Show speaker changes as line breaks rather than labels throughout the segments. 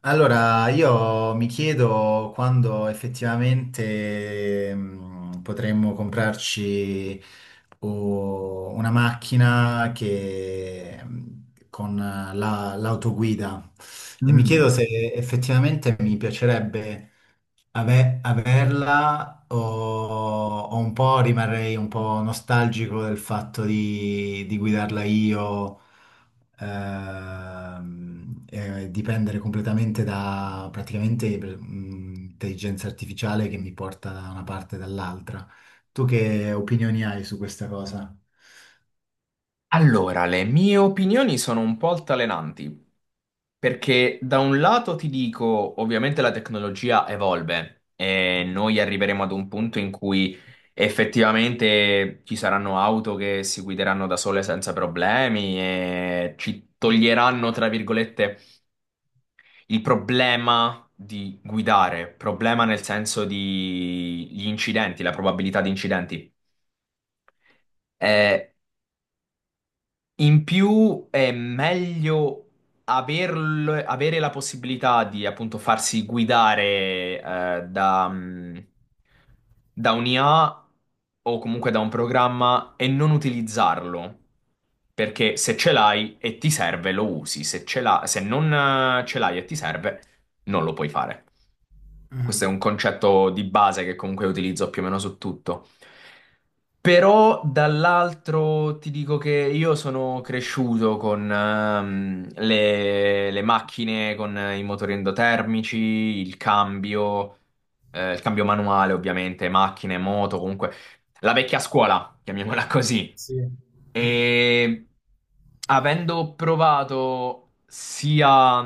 Allora, io mi chiedo quando effettivamente potremmo comprarci una macchina che con l'autoguida e mi
Mm.
chiedo se effettivamente mi piacerebbe averla o un po' rimarrei un po' nostalgico del fatto di guidarla io e dipendere completamente da praticamente intelligenza artificiale che mi porta da una parte e dall'altra. Tu che opinioni hai su questa cosa?
Allora, le mie opinioni sono un po' altalenanti, perché da un lato ti dico, ovviamente la tecnologia evolve e noi arriveremo ad un punto in cui effettivamente ci saranno auto che si guideranno da sole senza problemi e ci toglieranno, tra virgolette, il problema di guidare, problema nel senso di gli incidenti, la probabilità di incidenti. Eh, In più è meglio avere la possibilità di appunto farsi guidare eh, da, mm, da un'IA o comunque da un programma e non utilizzarlo. Perché se ce l'hai e ti serve, lo usi. Se non ce l'hai e ti serve, non lo puoi fare. Questo è un
Mhm.
concetto di base che comunque utilizzo più o meno su tutto. Però dall'altro ti dico che io sono cresciuto con le macchine, con i motori endotermici, il cambio manuale ovviamente, macchine, moto, comunque la vecchia scuola, chiamiamola così.
Sì.
E avendo provato sia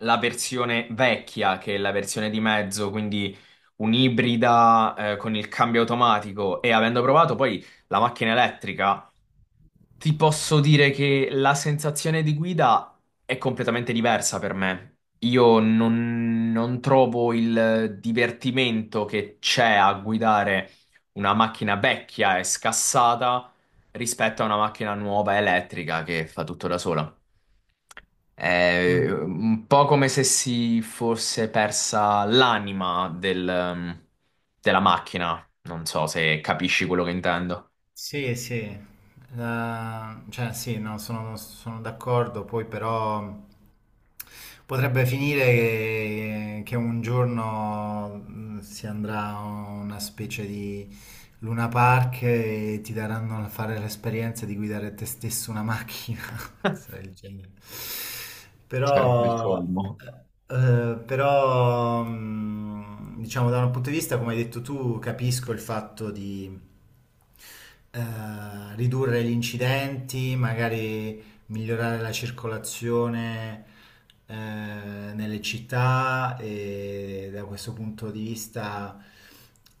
la versione vecchia che la versione di mezzo, quindi un'ibrida con il cambio automatico e avendo provato poi la macchina elettrica ti posso dire che la sensazione di guida è completamente diversa per me. Io non, Non trovo il divertimento che c'è a guidare una macchina vecchia e scassata rispetto a una macchina nuova elettrica che fa tutto da sola. È
Mm.
un po' come se si fosse persa l'anima della macchina. Non so se capisci quello che intendo.
Sì, sì. Cioè sì, no, sono d'accordo, poi però potrebbe finire che un giorno si andrà a una specie di Luna Park e ti daranno a fare l'esperienza di guidare te stesso una macchina, cose del genere.
Sarebbe il
Però,
colmo.
però, diciamo, da un punto di vista, come hai detto tu, capisco il fatto di ridurre gli incidenti, magari migliorare la circolazione nelle città e da questo punto di vista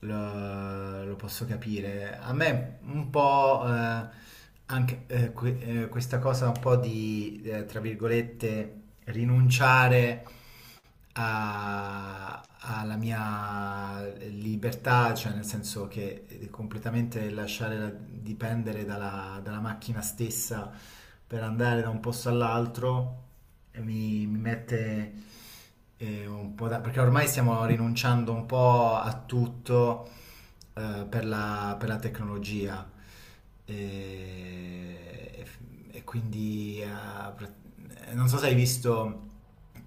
lo posso capire. A me un po' anche questa cosa un po' di tra virgolette, rinunciare alla mia libertà, cioè nel senso che completamente dipendere dalla macchina stessa per andare da un posto all'altro mi mette un po' da, perché ormai stiamo rinunciando un po' a tutto per per la tecnologia e, e f- e quindi pra- non so se hai visto,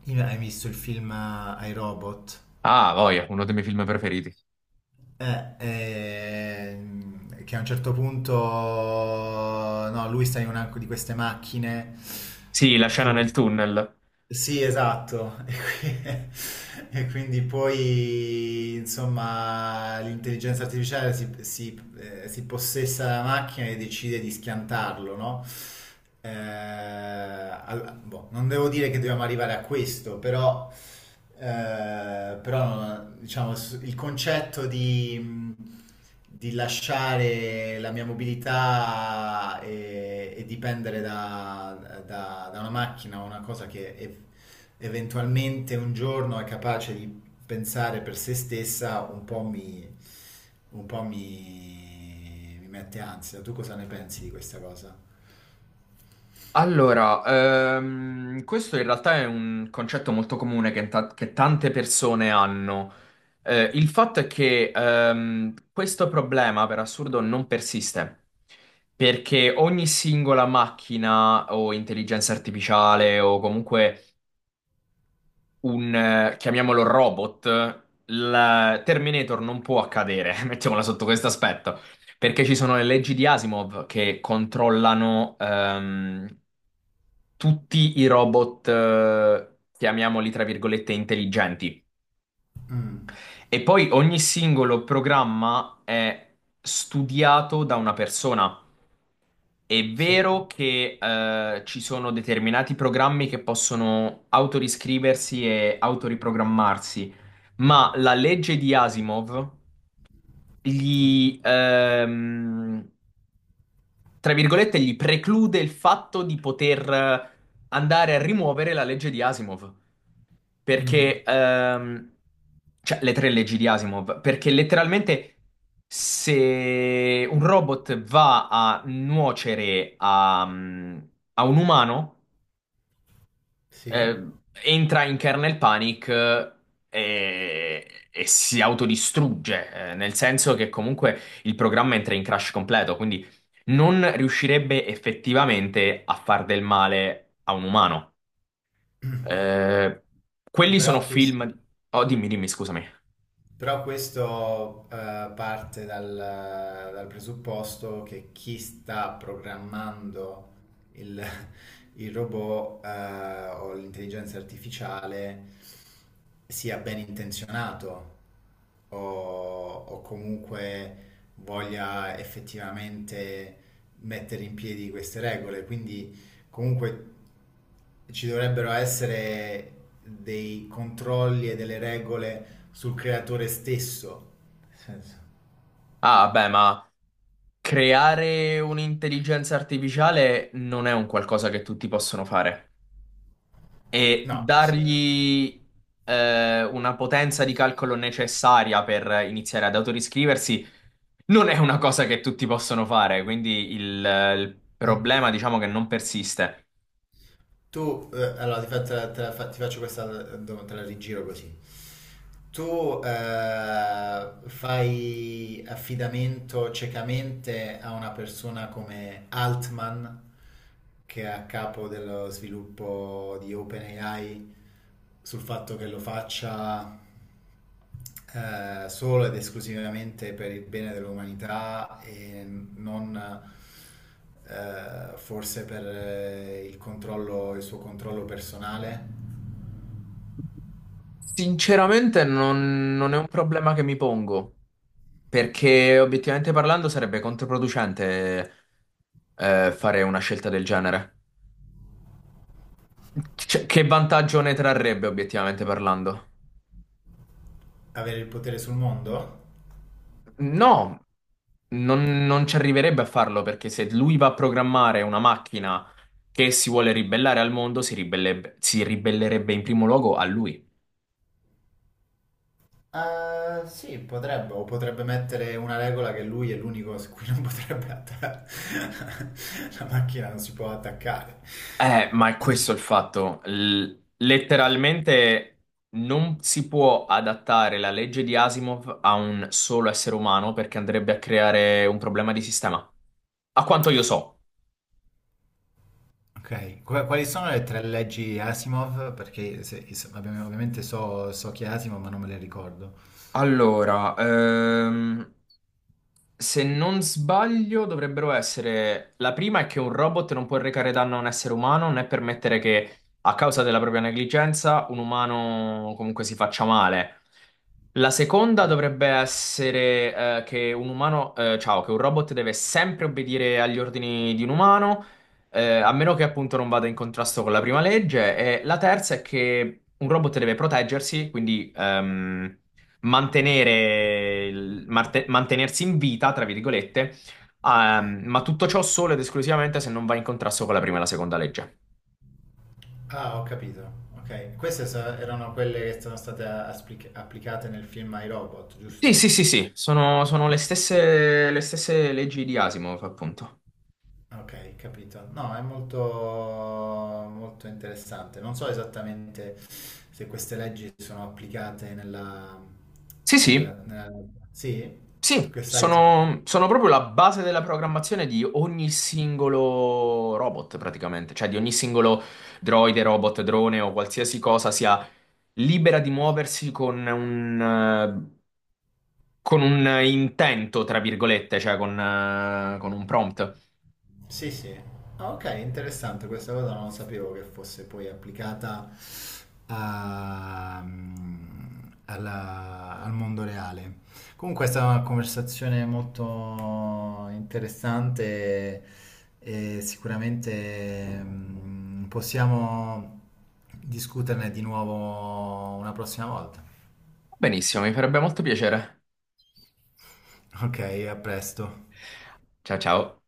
hai visto il film I Robot.
Ah, voglia, uno dei miei film preferiti.
Che a un certo punto no, lui sta in una di queste macchine
Sì, la scena
che.
nel tunnel.
Sì, esatto. E, e quindi poi, insomma, l'intelligenza artificiale si, si possessa della macchina e decide di schiantarlo, no? Boh, non devo dire che dobbiamo arrivare a questo, però, però diciamo, il concetto di lasciare la mia mobilità e dipendere da una macchina o una cosa che eventualmente un giorno è capace di pensare per se stessa, un po' mi, un po' mi mette ansia. Tu cosa ne pensi di questa cosa?
Allora, questo in realtà è un concetto molto comune che tante persone hanno. Il fatto è che questo problema, per assurdo, non persiste. Perché ogni singola macchina o intelligenza artificiale o comunque chiamiamolo robot, il Terminator non può accadere, mettiamola sotto questo aspetto, perché ci sono le leggi di Asimov che controllano tutti i robot, chiamiamoli tra virgolette, intelligenti.
Mm,
E poi ogni singolo programma è studiato da una persona. È
sì.
vero che ci sono determinati programmi che possono autoriscriversi e autoriprogrammarsi, ma la legge di Asimov gli, ehm, tra virgolette, gli preclude il fatto di poter andare a rimuovere la legge di Asimov.
Mm,
Perché, ehm, cioè, le tre leggi di Asimov, perché letteralmente se un robot va a nuocere a un umano, eh,
sì.
entra in kernel panic e si autodistrugge, nel senso che comunque il programma entra in crash completo, quindi non riuscirebbe effettivamente a far del male a un umano. Eh, quelli sono
Però questo.
film. Oh, dimmi, dimmi, scusami.
Però questo parte dal presupposto che chi sta programmando il, il robot o l'intelligenza artificiale sia ben intenzionato o comunque voglia effettivamente mettere in piedi queste regole. Quindi, comunque, ci dovrebbero essere dei controlli e delle regole sul creatore stesso. Nel senso.
Ah, beh, ma creare un'intelligenza artificiale non è un qualcosa che tutti possono fare. E
No, questo è...
dargli una potenza di calcolo necessaria per iniziare ad autoriscriversi non è una cosa che tutti possono fare. Quindi il problema, diciamo che non persiste.
Tu, allora ti, fa- te la fa- ti faccio questa domanda, te la rigiro così. Tu fai affidamento ciecamente a una persona come Altman, che è a capo dello sviluppo di OpenAI, sul fatto che lo faccia solo ed esclusivamente per il bene dell'umanità e non forse per il controllo, il suo controllo personale,
Sinceramente, non non è un problema che mi pongo. Perché obiettivamente parlando sarebbe controproducente fare una scelta del genere. Cioè, che vantaggio ne trarrebbe obiettivamente parlando?
avere il potere sul mondo?
No, non ci arriverebbe a farlo perché se lui va a programmare una macchina che si vuole ribellare al mondo, si ribellerebbe in primo luogo a lui.
Sì, potrebbe, o potrebbe mettere una regola che lui è l'unico su cui non potrebbe attaccare. La macchina non si può attaccare.
Ma è questo il fatto. Letteralmente non si può adattare la legge di Asimov a un solo essere umano perché andrebbe a creare un problema di sistema. A quanto io so.
Ok, quali sono le tre leggi Asimov? Perché ovviamente so, so chi è Asimov, ma non me le ricordo.
Allora, Se non sbaglio, dovrebbero essere. La prima è che un robot non può recare danno a un essere umano, né permettere che, a causa della propria negligenza, un umano comunque si faccia male. La seconda dovrebbe essere, che un umano, ciao, che un robot deve sempre obbedire agli ordini di un umano, a meno che appunto non vada in contrasto con la prima legge. E la terza è che un robot deve proteggersi, quindi, mantenersi in vita, tra virgolette, ma tutto ciò solo ed esclusivamente se non va in contrasto con la prima e la seconda legge.
Ah, ho capito. Ok, queste erano quelle che sono state applicate nel film ai robot,
Sì, sì,
giusto?
sì, sì, sono, sono le stesse leggi di Asimov, appunto.
Ok, capito. No, è molto, molto interessante. Non so esattamente se queste leggi sono applicate nella,
Sì, sì,
nella... Sì? Tu
sì,
che sai?
sono, sono proprio la base della programmazione di ogni singolo robot, praticamente, cioè di ogni singolo droide, robot, drone o qualsiasi cosa sia libera di muoversi eh, con un intento, tra virgolette, cioè con un prompt.
Sì, sì. Ah, ok, interessante, questa cosa non sapevo che fosse poi applicata a- mm, al mondo reale. Comunque è stata una conversazione molto interessante e sicuramente possiamo discuterne di nuovo una prossima volta.
Benissimo, mi farebbe molto piacere.
Ok, a presto.
Ciao ciao.